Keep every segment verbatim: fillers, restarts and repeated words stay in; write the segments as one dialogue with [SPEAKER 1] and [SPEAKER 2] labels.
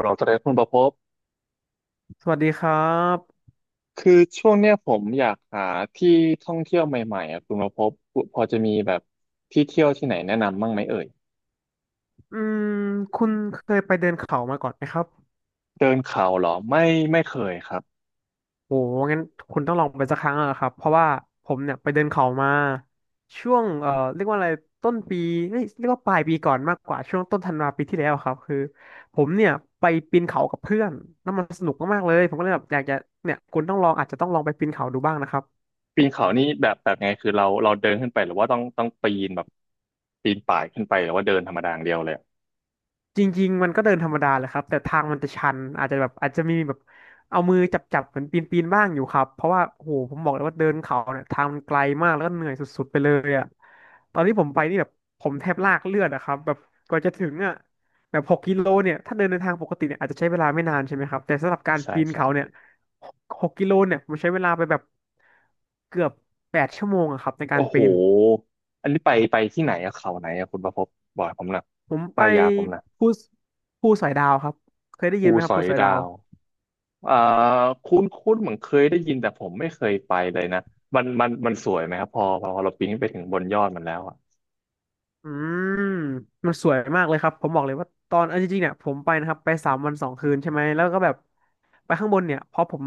[SPEAKER 1] เราจะได้คุณประภพบ
[SPEAKER 2] สวัสดีครับ
[SPEAKER 1] คือช่วงเนี้ยผมอยากหาที่ท่องเที่ยวใหม่ๆอ่ะคุณประภพบพอจะมีแบบที่เที่ยวที่ไหนแนะนำบ้างไหมเอ่ย
[SPEAKER 2] อืมคุณเคยไปเดินเขามาก่อนไหมครับ
[SPEAKER 1] เดินเขาเหรอไม่ไม่เคยครับ
[SPEAKER 2] โอ้งั้นคุณต้องลองไปสักครั้งอะครับเพราะว่าผมเนี่ยไปเดินเขามาช่วงเอ่อเรียกว่าอะไรต้นปีเอ้ยเรียกว่าปลายปีก่อนมากกว่าช่วงต้นธันวาปีที่แล้วครับคือผมเนี่ยไปปีนเขากับเพื่อนแล้วมันสนุกมากๆเลยผมก็เลยแบบอยากจะเนี่ยคุณต้องลองอาจจะต้องลองไปปีนเขาดูบ้างนะครับ
[SPEAKER 1] ปีนเขานี่แบบแบบไงคือเราเราเดินขึ้นไปหรือว่าต้องต้องปีนแบบปีนป่ายขึ้นไปหรือว่าเดินธรรมดาอย่างเดียวเลยอะ
[SPEAKER 2] จริงๆมันก็เดินธรรมดาแหละครับแต่ทางมันจะชันอาจจะแบบอาจจะมีแบบเอามือจับๆเหมือนปีนๆบ้างอยู่ครับเพราะว่าโหผมบอกเลยว่าเดินเขาเนี่ยทางมันไกลมากแล้วก็เหนื่อยสุดๆไปเลยอ่ะตอนที่ผมไปนี่แบบผมแทบลากเลือดอะครับแบบกว่าจะถึงอ่ะแบบหกกิโลเนี่ยถ้าเดินในทางปกติเนี่ยอาจจะใช้เวลาไม่นานใช่ไหมครับแต่สำหรับการ
[SPEAKER 1] ใช่
[SPEAKER 2] ปีน
[SPEAKER 1] ใช่
[SPEAKER 2] เขาเนี่ยหกหกกิโลเนี่ยผมใช้เวลาไปแบบเกือบแปดชั่วโมงอะครับในการ
[SPEAKER 1] โอ้โห
[SPEAKER 2] ปีน
[SPEAKER 1] อันนี้ไปไปที่ไหนอะเขาไหนอะคุณประภพบบอกผมหน่อย
[SPEAKER 2] ผมไป
[SPEAKER 1] ป้ายยาผมหนะ
[SPEAKER 2] ภูภูสอยดาวครับเคยได้ยิ
[SPEAKER 1] ภู
[SPEAKER 2] นไหมค
[SPEAKER 1] ส
[SPEAKER 2] รับ
[SPEAKER 1] อ
[SPEAKER 2] ภู
[SPEAKER 1] ย
[SPEAKER 2] สอย
[SPEAKER 1] ดา
[SPEAKER 2] ดาว
[SPEAKER 1] ว เอ่อคุ้นคุ้นเหมือนเคยได้ยินแต่ผมไม่เคยไปเลยนะมันมันมันสวยไหมครับพอพอเราปีนขึ้นไปถึงบนยอดมันแล้วอ่ะ
[SPEAKER 2] อืมมันสวยมากเลยครับผมบอกเลยว่าตอนเอาจริงๆเนี่ยผมไปนะครับไปสามวันสองคืนใช่ไหมแล้วก็แบบไปข้างบนเนี่ยเพราะผม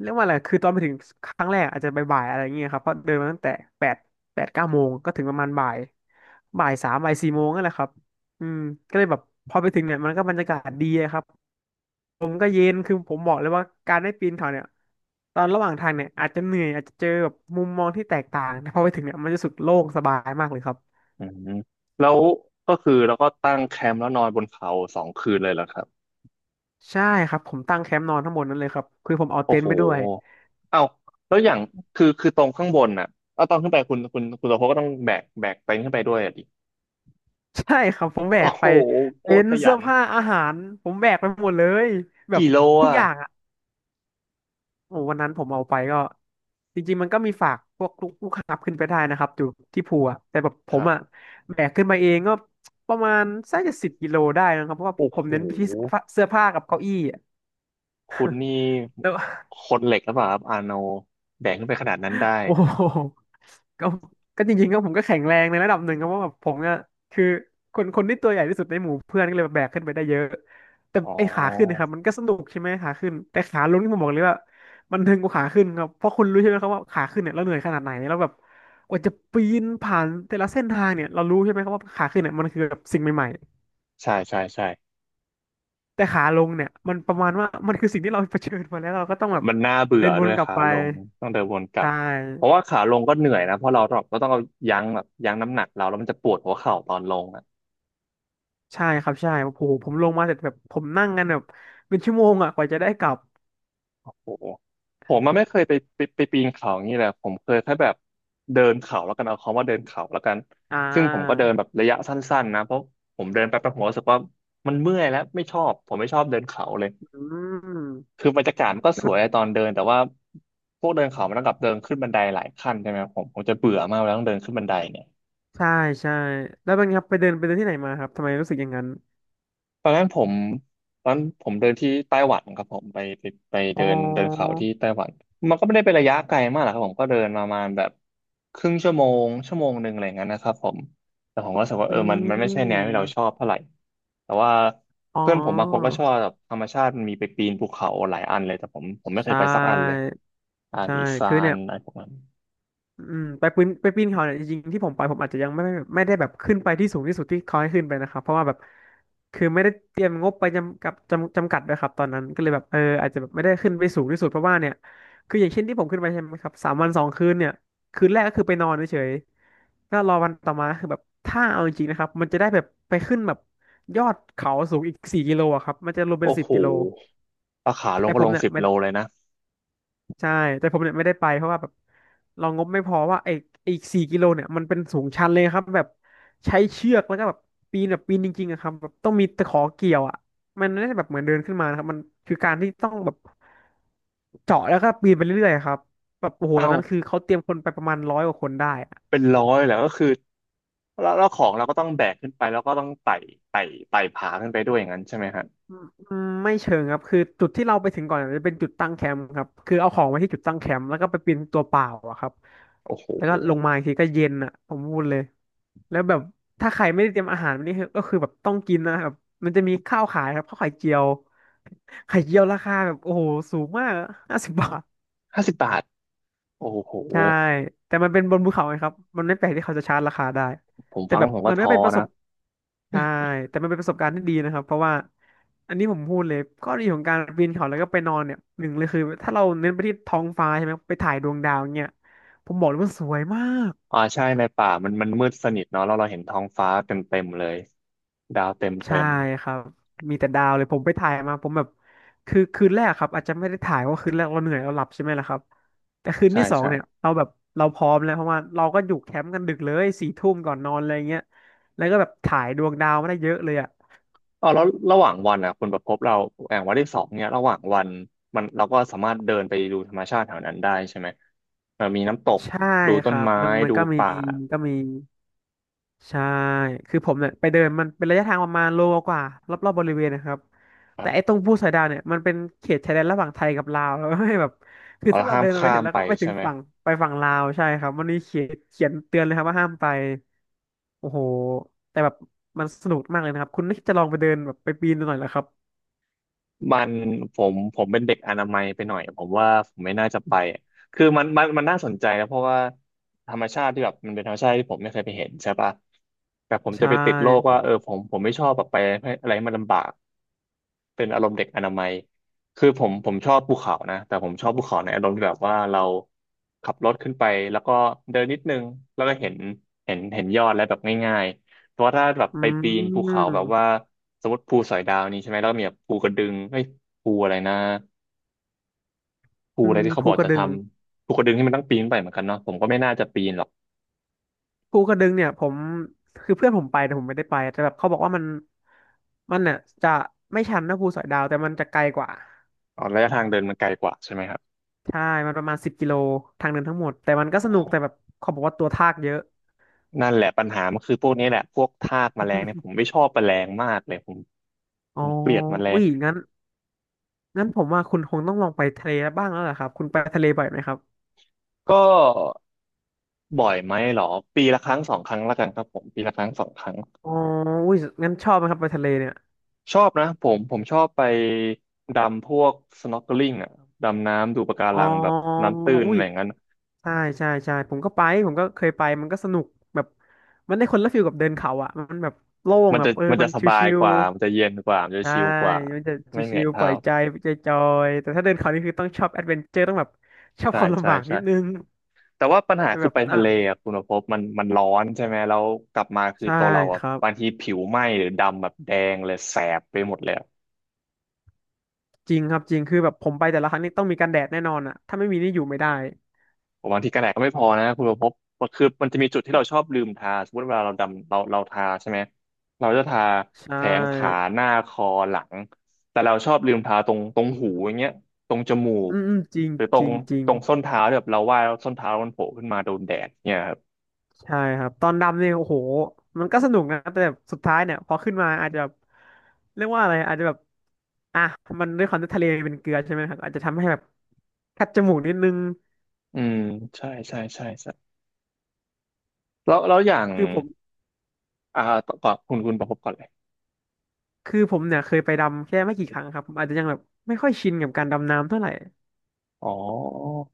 [SPEAKER 2] เรียกว่าอะไรคือตอนไปถึงครั้งแรกอาจจะบ่ายๆอะไรอย่างเงี้ยครับเพราะเดินมาตั้งแต่แปดแปดเก้าโมงก็ถึงประมาณบ่ายบ่ายสามบ่ายสี่โมงนั่นแหละครับอืมก็เลยแบบพอไปถึงเนี่ยมันก็บรรยากาศดีอะครับผมก็เย็นคือผมบอกเลยว่าการได้ปีนเขาเนี่ยตอนระหว่างทางเนี่ยอาจจะเหนื่อยอาจจะเจอแบบมุมมองที่แตกต่างแต่พอไปถึงเนี่ยมันจะรู้สึกโล่งสบายมากเลยครับ
[SPEAKER 1] อืมแล้วก็คือเราก็ตั้งแคมป์แล้วนอนบนเขาสองคืนเลยเหรอครับ
[SPEAKER 2] ใช่ครับผมตั้งแคมป์นอนทั้งหมดนั้นเลยครับคือผมเอา
[SPEAKER 1] โอ้
[SPEAKER 2] เต็น
[SPEAKER 1] โห
[SPEAKER 2] ท์ไปด้วย
[SPEAKER 1] เอ้าแล้วอย่างคือคือตรงข้างบนน่ะเอาตอนขึ้นไปคุณคุณคุณโตโพก็ต้องแบกแบกเต็นท์ขึ้นไปด้วยอ่ะดิ
[SPEAKER 2] ใช่ครับผมแบ
[SPEAKER 1] โอ้
[SPEAKER 2] ก
[SPEAKER 1] โห
[SPEAKER 2] ไป
[SPEAKER 1] โค
[SPEAKER 2] เต็
[SPEAKER 1] ตร
[SPEAKER 2] น
[SPEAKER 1] ข
[SPEAKER 2] ท์
[SPEAKER 1] ยั
[SPEAKER 2] เสื้อ
[SPEAKER 1] น
[SPEAKER 2] ผ้าอาหารผมแบกไปหมดเลยแบบ
[SPEAKER 1] กี่โล
[SPEAKER 2] ทุก
[SPEAKER 1] อ่ะ
[SPEAKER 2] อย่างอ่ะโอ้วันนั้นผมเอาไปก็จริงๆมันก็มีฝากพวกลูกลูกค้าขึ้นไปได้นะครับอยู่ที่ภูอะแต่แบบผ
[SPEAKER 1] ค
[SPEAKER 2] ม
[SPEAKER 1] รั
[SPEAKER 2] อ่ะ
[SPEAKER 1] บ
[SPEAKER 2] แบกขึ้นมาเองก็ประมาณสักจะสิบกิโลได้นะครับเพราะว่า
[SPEAKER 1] โอ้
[SPEAKER 2] ผ
[SPEAKER 1] โห
[SPEAKER 2] มเน้นไปที่เสื้อผ้าเสื้อผ้ากับเก้าอี้อะ
[SPEAKER 1] คุณนี่
[SPEAKER 2] แล้ว
[SPEAKER 1] คนเหล็กหรือเปล่าครับอาโนแบกขึ้นไปขนาดนั้นได้
[SPEAKER 2] โอ้โหก็ก็จริงๆก็ผมก็แข็งแรงในระดับหนึ่งครับเพราะว่าแบบผมเนี่ยคือคนคนที่ตัวใหญ่ที่สุดในหมู่เพื่อนก็เลยแบบแบกขึ้นไปได้เยอะ แต่
[SPEAKER 1] อ๋
[SPEAKER 2] ไอ้ขาขึ้นนะค
[SPEAKER 1] อ
[SPEAKER 2] รับมันก็สนุกใช่ไหมขาขึ้นแต่ขาลงที่ผมบอกเลยว่ามันทึงกว่าขาขึ้นครับเพราะคุณรู้ใช่ไหมครับว่าขาขึ้นเนี่ยเราเหนื่อยขนาดไหนแล้วแบบกว่าจะปีนผ่านแต่ละเส้นทางเนี่ยเรารู้ใช่ไหมครับว่าขาขึ้นเนี่ยมันคือแบบสิ่งใหม่
[SPEAKER 1] ใช่ใช่ใช่
[SPEAKER 2] ๆแต่ขาลงเนี่ยมันประมาณว่ามันคือสิ่งที่เราเผชิญมาแล้วเราก็ต้องแบบ
[SPEAKER 1] มันน่าเบื่
[SPEAKER 2] เดิ
[SPEAKER 1] อ
[SPEAKER 2] นว
[SPEAKER 1] ด้ว
[SPEAKER 2] น
[SPEAKER 1] ย
[SPEAKER 2] กลับ
[SPEAKER 1] ขา
[SPEAKER 2] ไป
[SPEAKER 1] ลงต้องเดินวนกลั
[SPEAKER 2] ใช่
[SPEAKER 1] บเพราะว่าขาลงก็เหนื่อยนะเพราะเราเราต้องเอายั้งแบบยั้งน้ำหนักเราแล้วมันจะปวดหัวเข่าตอนลงอ่ะ
[SPEAKER 2] ใช่ครับใช่โอ้โหผมลงมาเสร็จแบบผมนั่งกันแบบเป็นชั่วโมงอ่ะกว่าจะได้กลับ
[SPEAKER 1] โอ้โหผมมันไม่เคยไปไปไปปีนเขาอย่างนี้แหละผมเคยแค่แบบเดินเขาแล้วกันเอาคำว่าเดินเขาแล้วกัน
[SPEAKER 2] อ่
[SPEAKER 1] ซึ่งผมก็เดิ
[SPEAKER 2] า
[SPEAKER 1] นแบบระยะสั้นๆนะเพราะผมเดินไปประหัวรู้สึกว่ามันเมื่อยแล้วไม่ชอบผมไม่ชอบเดินเขาเลย
[SPEAKER 2] อืม
[SPEAKER 1] คือบรรยากาศมันก็สวยตอนเดินแต่ว่าพวกเดินเขามันต้องกลับเดินขึ้นบันไดหลายขั้นใช่ไหมครับผมผมจะเบื่อมากเวลาต้องเดินขึ้นบันไดเนี่ย
[SPEAKER 2] ใช่ใช่แล้วเป็นไงครับไปเดินไปเดินที่ไหนมาครับทำไมรู้สึกอย่างนั้น
[SPEAKER 1] ตอนนั้นผมตอนผมเดินที่ไต้หวันครับผมไปไปไป
[SPEAKER 2] อ๋
[SPEAKER 1] เดิ
[SPEAKER 2] อ
[SPEAKER 1] นเดินเขาที่ไต้หวันมันก็ไม่ได้เป็นระยะไกลมากหรอกครับผมก็เดินประมาณแบบครึ่งชั่วโมงชั่วโมงหนึ่งอะไรอย่างนั้นนะครับผมแต่ผมก็รู้สึกว่า
[SPEAKER 2] อื
[SPEAKER 1] เออมันมันไม่ใช่แนวที่เราชอ
[SPEAKER 2] ม
[SPEAKER 1] บเท่าไหร่แต่ว่า
[SPEAKER 2] อ๋
[SPEAKER 1] เพื่อนผมบางคนก็
[SPEAKER 2] อ
[SPEAKER 1] ชอบแบบธรรมชาติมันมีไปปีนภูเขาหลายอันเลยแต่ผมผมไม่เค
[SPEAKER 2] ใช่
[SPEAKER 1] ยไปสักอันเลยอา
[SPEAKER 2] ใช่
[SPEAKER 1] ลีซา
[SPEAKER 2] คือ
[SPEAKER 1] น
[SPEAKER 2] เนี่ย
[SPEAKER 1] อะไรพวกนั้น
[SPEAKER 2] อืมไปปีนไปปีนเขาเนี่ยจริงๆที่ผมไปผมอาจจะยังไม่ไม่ได้แบบขึ้นไปที่สูงที่สุดที่เขาให้ขึ้นไปนะครับเพราะว่าแบบคือไม่ได้เตรียมงบไปจำกับจำจำกัดด้วยครับตอนนั้นก็เลยแบบเอออาจจะแบบไม่ได้ขึ้นไปสูงที่สุดเพราะว่าเนี่ยคืออย่างเช่นที่ผมขึ้นไปใช่ไหมครับสามวันสองคืนเนี่ยคืนแรกก็คือไปนอนเฉยๆก็รอวันต่อมาคือแบบถ้าเอาจริงๆนะครับมันจะได้แบบไปขึ้นแบบยอดเขาสูงอีกสี่กิโลอะครับมันจะรวมเป็น
[SPEAKER 1] โอ้
[SPEAKER 2] สิบ
[SPEAKER 1] โห
[SPEAKER 2] กิโล
[SPEAKER 1] ราคาลง
[SPEAKER 2] แต่
[SPEAKER 1] ก็
[SPEAKER 2] ผ
[SPEAKER 1] ล
[SPEAKER 2] ม
[SPEAKER 1] ง
[SPEAKER 2] เนี่ย
[SPEAKER 1] สิบโลเลยนะ
[SPEAKER 2] ใช่แต่ผมเนี่ยไม่ได้ไปเพราะว่าแบบเรางบไม่พอว่าไอ้ไอ้สี่กิโลเนี่ยมันเป็นสูงชันเลยครับแบบใช้เชือกแล้วก็แบบปีนแบบปีนจริงๆอะครับแบบต้องมีตะขอเกี่ยวอ่ะมันไม่ได้แบบเหมือนเดินขึ้นมานะครับมันคือการที่ต้องแบบเจาะแล้วก็ปีนไปเรื่อยๆอะครับแบบโอ้โหตอ
[SPEAKER 1] เอ้า
[SPEAKER 2] นนั้นคือเขาเตรียมคนไปประมาณร้อยกว่าคนได้
[SPEAKER 1] เป็นร้อยแล้วก็คือแล้วแล้วของเราก็ต้องแบกขึ้นไปแล้วก็ต้องไต่ไต่ไต่ผาขึ้นไปด้วยอย่างนั้นใช่ไหมฮะ
[SPEAKER 2] อืมอืมไม่เชิงครับคือจุดที่เราไปถึงก่อนจะเป็นจุดตั้งแคมป์ครับคือเอาของไว้ที่จุดตั้งแคมป์แล้วก็ไปปีนตัวเปล่าอะครับ
[SPEAKER 1] โอ้โห
[SPEAKER 2] แล้วก็ลงมาอีกทีก็เย็นอะผมพูดเลยแล้วแบบถ้าใครไม่ได้เตรียมอาหารวันนี้คือก็คือแบบต้องกินนะครับมันจะมีข้าวขายครับข้าวไข่เจียวไข่เจียวราคาแบบโอ้โหสูงมากห้าสิบบาท
[SPEAKER 1] ห้าสิบบาทโอ้โห
[SPEAKER 2] ใช่ แต่มันเป็นบนภูเขาไงครับ มันไม่แปลกที่เขาจะชาร์จราคาได้
[SPEAKER 1] ผม
[SPEAKER 2] แต่
[SPEAKER 1] ฟัง
[SPEAKER 2] แบ
[SPEAKER 1] แล้
[SPEAKER 2] บ
[SPEAKER 1] วผมก็
[SPEAKER 2] มันก็
[SPEAKER 1] ท้อ
[SPEAKER 2] เป็นประส
[SPEAKER 1] นะ
[SPEAKER 2] บใช่แต่มันเป็นประสบการณ์ที่ดีนะครับ เพราะว่า อันนี้ผมพูดเลยข้อดีของการปีนเขาแล้วก็ไปนอนเนี่ย หนึ่งเลยคือถ้าเราเน้นไปที่ท้องฟ้าใช่ไหม ไปถ่ายดวงดาวเนี่ยผมบอกเลยว่าสวยมาก
[SPEAKER 1] อ่าใช่ในป่ามันมันมืดสนิทเนาะแล้วเราเห็นท้องฟ้าเต็มเต็มเลยดาวเต็ม
[SPEAKER 2] ใช่
[SPEAKER 1] เต็ม
[SPEAKER 2] ครับ มีแต่ดาวเลยผมไปถ่ายมาผมแบบ คือคืนแรกครับอาจจะไม่ได้ถ่ายเพราะคืนแรกเราเหนื่อยเราหลับใช่ไหมล่ะครับ แต่คืน
[SPEAKER 1] ใช่
[SPEAKER 2] ที่สอง
[SPEAKER 1] ใช่
[SPEAKER 2] เนี่ยเราแบบเราพร้อมแล้วเพราะว่าเราก็อยู่แคมป์กันดึกเลยสี่ทุ่มก่อนนอนอะไรเงี้ย แล้วก็แบบถ่ายดวงดาวมาได้เยอะเลยอ่ะ
[SPEAKER 1] อ๋อแล้วระหว่างวันอ่ะคุณประพบเราแองวันที่สองเนี่ยระหว่างวันมันเราก็สามารถเดินไปดูธรรมชาติแถวนั้นได้ใช่ไหมเอ่อมีน้ำตก
[SPEAKER 2] ใช่
[SPEAKER 1] ดู
[SPEAKER 2] ค
[SPEAKER 1] ต้น
[SPEAKER 2] รับ
[SPEAKER 1] ไม้
[SPEAKER 2] มันมัน
[SPEAKER 1] ดู
[SPEAKER 2] ก็มี
[SPEAKER 1] ป่า
[SPEAKER 2] ก็มี ใช่ คือผมเนี่ยไปเดินมันเป็นระยะทางประมาณโลกว่ารอบๆบริเวณนะครับ
[SPEAKER 1] ครั
[SPEAKER 2] แต่ไอ้
[SPEAKER 1] บ
[SPEAKER 2] ตรงภูสอยดาวเนี่ยมันเป็นเขตชายแดนระหว่างไทยกับลาวแล้วให้แบบคือ
[SPEAKER 1] เรา
[SPEAKER 2] ถ้าเรา
[SPEAKER 1] ห้าม
[SPEAKER 2] เดินไป
[SPEAKER 1] ข้า
[SPEAKER 2] เนี่ย
[SPEAKER 1] ม
[SPEAKER 2] แล้ว
[SPEAKER 1] ไป
[SPEAKER 2] ก็ไปถึ
[SPEAKER 1] ใช่
[SPEAKER 2] ง
[SPEAKER 1] ไหม
[SPEAKER 2] ฝั่งไปฝั่งลาวใช่ครับ มันมีเขียนเขียนเตือนเลยครับว่าห้ามไป โอ้โห แต่แบบมันสนุกมากเลยนะครับคุณน่าจะลองไปเดินแบบไปปีนดูหน่อยแล้ครับ
[SPEAKER 1] มันผมผมเป็นเด็กอนามัยไปหน่อยผมว่าผมไม่น่าจะไปอะคือมันมันมันน่าสนใจนะเพราะว่าธรรมชาติที่แบบมันเป็นธรรมชาติที่ผมไม่เคยไปเห็นใช่ปะแต่ผมจะ
[SPEAKER 2] ใช่
[SPEAKER 1] ไปติดโรคว่าเออผมผมไม่ชอบแบบไปให้อะไรให้มันลำบาก เป็นอารมณ์เด็กอนามัยคือผมผมชอบภูเขานะแต่ผมชอบภูเขาในอารมณ์ที่แบบว่าเราขับรถขึ้นไปแล้วก็เดินนิดนึงแล้วก็เห็นเห็นเห็นยอดแล้วแบบง่ายๆเพราะว่าถ้าแบบ
[SPEAKER 2] อื
[SPEAKER 1] ไปปีนภูเขาแบบว่า
[SPEAKER 2] ม
[SPEAKER 1] สมมติภูสอยดาวนี้ใช่ไหมแล้วก็มีแบบภูกระดึงเอ้ยภูอะไรนะภู
[SPEAKER 2] อื
[SPEAKER 1] อะไร
[SPEAKER 2] ม
[SPEAKER 1] ที่เขาบ
[SPEAKER 2] ภู
[SPEAKER 1] อก
[SPEAKER 2] กระ
[SPEAKER 1] จะ
[SPEAKER 2] ดึ
[SPEAKER 1] ท
[SPEAKER 2] ง
[SPEAKER 1] ำภูกระดึงที่มันต้องปีนไปเหมือนกันเนาะผมก็ไม่น่าจะปีนหรอก
[SPEAKER 2] ภูกระดึงเนี่ยผมคือเพื่อนผมไปแต่ผมไม่ได้ไปแต่แบบเขาบอกว่ามันมันเนี่ยจะไม่ชันนะภูสอยดาวแต่มันจะไกลกว่า
[SPEAKER 1] อ๋อระยะทางเดินมันไกลกว่าใช่ไหมครับ
[SPEAKER 2] ใช่มันประมาณสิบกิโลทางเดินทั้งหมดแต่มันก็ส
[SPEAKER 1] โอ้
[SPEAKER 2] นุ
[SPEAKER 1] โห
[SPEAKER 2] กแต่แบบเขาบอกว่าตัวทากเยอะ
[SPEAKER 1] นั่นแหละปัญหามันคือพวกนี้แหละพวกทากแมลงเนี่ยผม ไม่ชอบแมลงมากเลยผม
[SPEAKER 2] อ๋
[SPEAKER 1] ผ
[SPEAKER 2] อ
[SPEAKER 1] มเกลียดแมล
[SPEAKER 2] อุ้
[SPEAKER 1] ง
[SPEAKER 2] ยงั้นงั้นผมว่าคุณคงต้องลองไปทะเลบ้างแล้วล่ะครับคุณไปทะเลบ่อยไหมครับ
[SPEAKER 1] ก็บ่อยไหมเหรอปีละครั้งสองครั้งละกันครับผมปีละครั้งสองครั้ง
[SPEAKER 2] อ๋ออุ้ยงั้นชอบไหมครับไปทะเลเนี่ย
[SPEAKER 1] ชอบนะผมผมชอบไปดำพวก snorkeling อ่ะดำน้ำดูปะกา
[SPEAKER 2] อ๋อ
[SPEAKER 1] รังแบบน้ำตื้น
[SPEAKER 2] อุ้
[SPEAKER 1] อะ
[SPEAKER 2] ย
[SPEAKER 1] ไรอย่างนั้น
[SPEAKER 2] ใช่ใช่ใช่ผมก็ไปผมก็เคยไปมันก็สนุกแบบมันได้คนละฟิลกับเดินเขาอ่ะมันแบบโล่ง
[SPEAKER 1] มัน
[SPEAKER 2] แบ
[SPEAKER 1] จะ
[SPEAKER 2] บเออ
[SPEAKER 1] มัน
[SPEAKER 2] มั
[SPEAKER 1] จะ
[SPEAKER 2] น
[SPEAKER 1] สบาย
[SPEAKER 2] ชิ
[SPEAKER 1] ก
[SPEAKER 2] ว
[SPEAKER 1] ว่ามันจะเย็นกว่ามัน
[SPEAKER 2] ๆ
[SPEAKER 1] จะ
[SPEAKER 2] ใช่
[SPEAKER 1] ชิลกว่า
[SPEAKER 2] มันจะ
[SPEAKER 1] ไม่เหนื่
[SPEAKER 2] ชิ
[SPEAKER 1] อย
[SPEAKER 2] วๆป
[SPEAKER 1] เท้า
[SPEAKER 2] ล่อยใจใจจอยๆแต่ถ้าเดินเขานี่คือต้องชอบแอดเวนเจอร์ต้องแบบชอบ
[SPEAKER 1] ใช่
[SPEAKER 2] ความ
[SPEAKER 1] ใช่
[SPEAKER 2] ลำบากนิ
[SPEAKER 1] ใช่
[SPEAKER 2] ดนึง
[SPEAKER 1] แต่ว่าปัญหา
[SPEAKER 2] แต่
[SPEAKER 1] คื
[SPEAKER 2] แบ
[SPEAKER 1] อ
[SPEAKER 2] บ
[SPEAKER 1] ไป
[SPEAKER 2] อ่ะ
[SPEAKER 1] ทะเลอ่ะคุณภพมันมันร้อนใช่ไหมแล้วกลับมาคือ
[SPEAKER 2] ใช่
[SPEAKER 1] ตัวเรา
[SPEAKER 2] ค
[SPEAKER 1] อ่ะ
[SPEAKER 2] รับ
[SPEAKER 1] บางทีผิวไหม้หรือดำแบบแดงเลยแสบไปหมดเลย
[SPEAKER 2] จริงครับจริงคือแบบผมไปแต่ละครั้งนี่ต้องมีกันแดดแน่นอนอ่ะถ้าไม่มีนี่อยู่ไม่ได้
[SPEAKER 1] ผมบางทีกันแดดก็ไม่พอนะคุณประพบคือมันจะมีจุดที่เราชอบลืมทาสมมติเวลาเราดำเราเราทาใช่ไหมเราจะทา
[SPEAKER 2] ใช
[SPEAKER 1] แขนขา
[SPEAKER 2] ่
[SPEAKER 1] หน้าคอหลังแต่เราชอบลืมทาตรงตรงหูอย่างเงี้ยตรงจมูก
[SPEAKER 2] อืมอืมจริง
[SPEAKER 1] หรือตร
[SPEAKER 2] จ
[SPEAKER 1] ง
[SPEAKER 2] ริงจริง
[SPEAKER 1] ตรงส้นเท้าที่แบบเราว่ายแล้วส้นเท้ามันโผล่ขึ้นมาโดนแดดเนี่ยครับ
[SPEAKER 2] ใช่ครับตอนดำเนี่ยโอ้โหมันก็สนุกนะแต่แบบสุดท้ายเนี่ยพอขึ้นมาอาจจะแบบเรียกว่าอะไรอาจจะแบบอ่ะมันด้วยความที่ทะเลเป็นเกลือใช่ไหมครับอาจจะทำให้แบบคัดจมูกนิดนึง
[SPEAKER 1] อืมใช่ใช่ใช่ใช่แล้วแล้วอย่าง
[SPEAKER 2] คือผม
[SPEAKER 1] อ่าก่อนคุณคุณประพบก่อนเลย
[SPEAKER 2] คือผมเนี่ยเคยไปดำแค่ไม่กี่ครั้งครับผมอาจจะยังแบบไม่ค่อยชินกับการดำน้ำเท่าไหร่
[SPEAKER 1] อ๋อ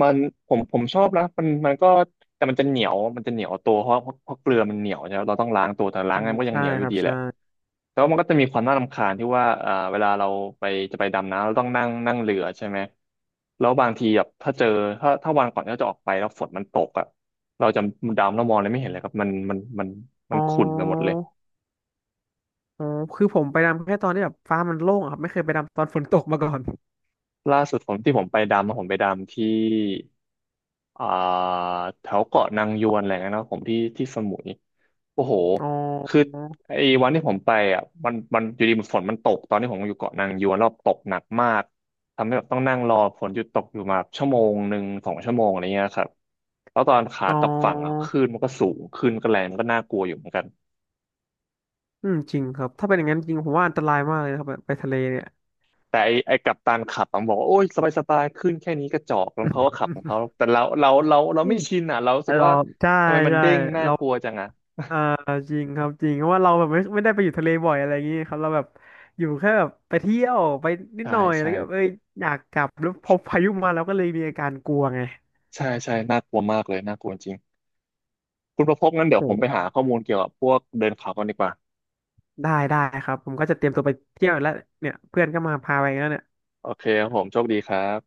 [SPEAKER 1] มันผมผมชอบนะมันมันก็แต่มันจะเหนียวมันจะเหนียวตัวเพราะเพราะเกลือมันเหนียวใช่ไหมเราต้องล้างตัวแต่ล้า
[SPEAKER 2] อื
[SPEAKER 1] งไง
[SPEAKER 2] ม
[SPEAKER 1] มันก็ยัง
[SPEAKER 2] ใช่
[SPEAKER 1] เหนียวอ
[SPEAKER 2] ค
[SPEAKER 1] ยู่
[SPEAKER 2] รับ
[SPEAKER 1] ดีแห
[SPEAKER 2] ใช่
[SPEAKER 1] ละแต่ว่ามันก็จะมีความน่ารำคาญที่ว่าเอ่าเวลาเราไปจะไปดำน้ำเราต้องนั่งนั่งเรือใช่ไหมแล้วบางทีแบบถ้าเจอถ้าถ้าวันก่อนที่เราจะออกไปแล้วฝนมันตกอ่ะเราจะดำแล้วมองอะไรไม่เห็นเลยครับมันมันมันมั
[SPEAKER 2] อ๋
[SPEAKER 1] น
[SPEAKER 2] อ
[SPEAKER 1] ขุ่นไปหมดเลย
[SPEAKER 2] อ๋อคือผมไปดำแค่ตอนที่แบบฟ้ามันโล่งอะครับไม่เคยไปดำตอนฝนตกมาก่อน
[SPEAKER 1] ล่าสุดผมที่ผมไปดำอะผมไปดำที่อ่าแถวเกาะนางยวนอะไรเงี้ยนะผมที่ที่สมุย โอ้โห
[SPEAKER 2] อ๋
[SPEAKER 1] คือ
[SPEAKER 2] อ
[SPEAKER 1] ไอ้วันที่ผมไปอ่ะ มันมันอยู่ดีมันฝนมันตกตอนที่ผมอยู่เกาะนางยวนรอบตกหนักมากทำให้แบบต้องนั่งรอฝนหยุดตกอยู่มาชั่วโมงหนึ่งสองชั่วโมงอะไรเงี้ยครับแล้วตอนขา
[SPEAKER 2] อ๋อ
[SPEAKER 1] กลับฝั่งอ่ะคลื่นมันก็สูงคลื่นก็แรงมันก็น่ากลัวอยู่เหมือนกัน
[SPEAKER 2] อืมจริงครับถ้าเป็นอย่างนั้นจริงผมว่าอันตรายมากเลยนะครับแบบไปทะเลเนี่ย
[SPEAKER 1] แต่ไอ้ไอ้กัปตันขับมันบอกว่าโอ้ยสบายสบายคลื่นแค่นี้กระจอกแล้วเขาก็ขับของเขาแต่เราเราเราเราไม่ชินอ่ะเรารู้สึก
[SPEAKER 2] เรา
[SPEAKER 1] ว่า
[SPEAKER 2] ใช่
[SPEAKER 1] ทำไมมัน
[SPEAKER 2] ใช่
[SPEAKER 1] เด้งน่า
[SPEAKER 2] เรา
[SPEAKER 1] กลัวจังอ่ะ
[SPEAKER 2] เอ่อจริงครับจริงเพราะว่าเราแบบไม่ไม่ได้ไปอยู่ทะเลบ่อยอะไรอย่างงี้ครับเราแบบอยู่แค่แบบไปเที่ยวไปนิด
[SPEAKER 1] ใช่
[SPEAKER 2] หน่อยแล้
[SPEAKER 1] ใช่
[SPEAKER 2] วก็เอ้ยอยากกลับแล้วพอพายุมาเราก็เลยมีอาการกลัวไง
[SPEAKER 1] ใช่ใช่น่ากลัวมากเลยน่ากลัวจริง คุณประพบงั้นเดี๋ย
[SPEAKER 2] โอ
[SPEAKER 1] วผมไปหา
[SPEAKER 2] ้
[SPEAKER 1] ข้อมูลเกี่ยวกับพวกเดินเขากันดีกว่า
[SPEAKER 2] ได้ได้ครับผมก็จะเตรียมตัวไปเที่ยวแล้วเนี่ยเพื่อนก็มาพาไปแล้วเนี่ย
[SPEAKER 1] โอเคครับผมโชคดีครับ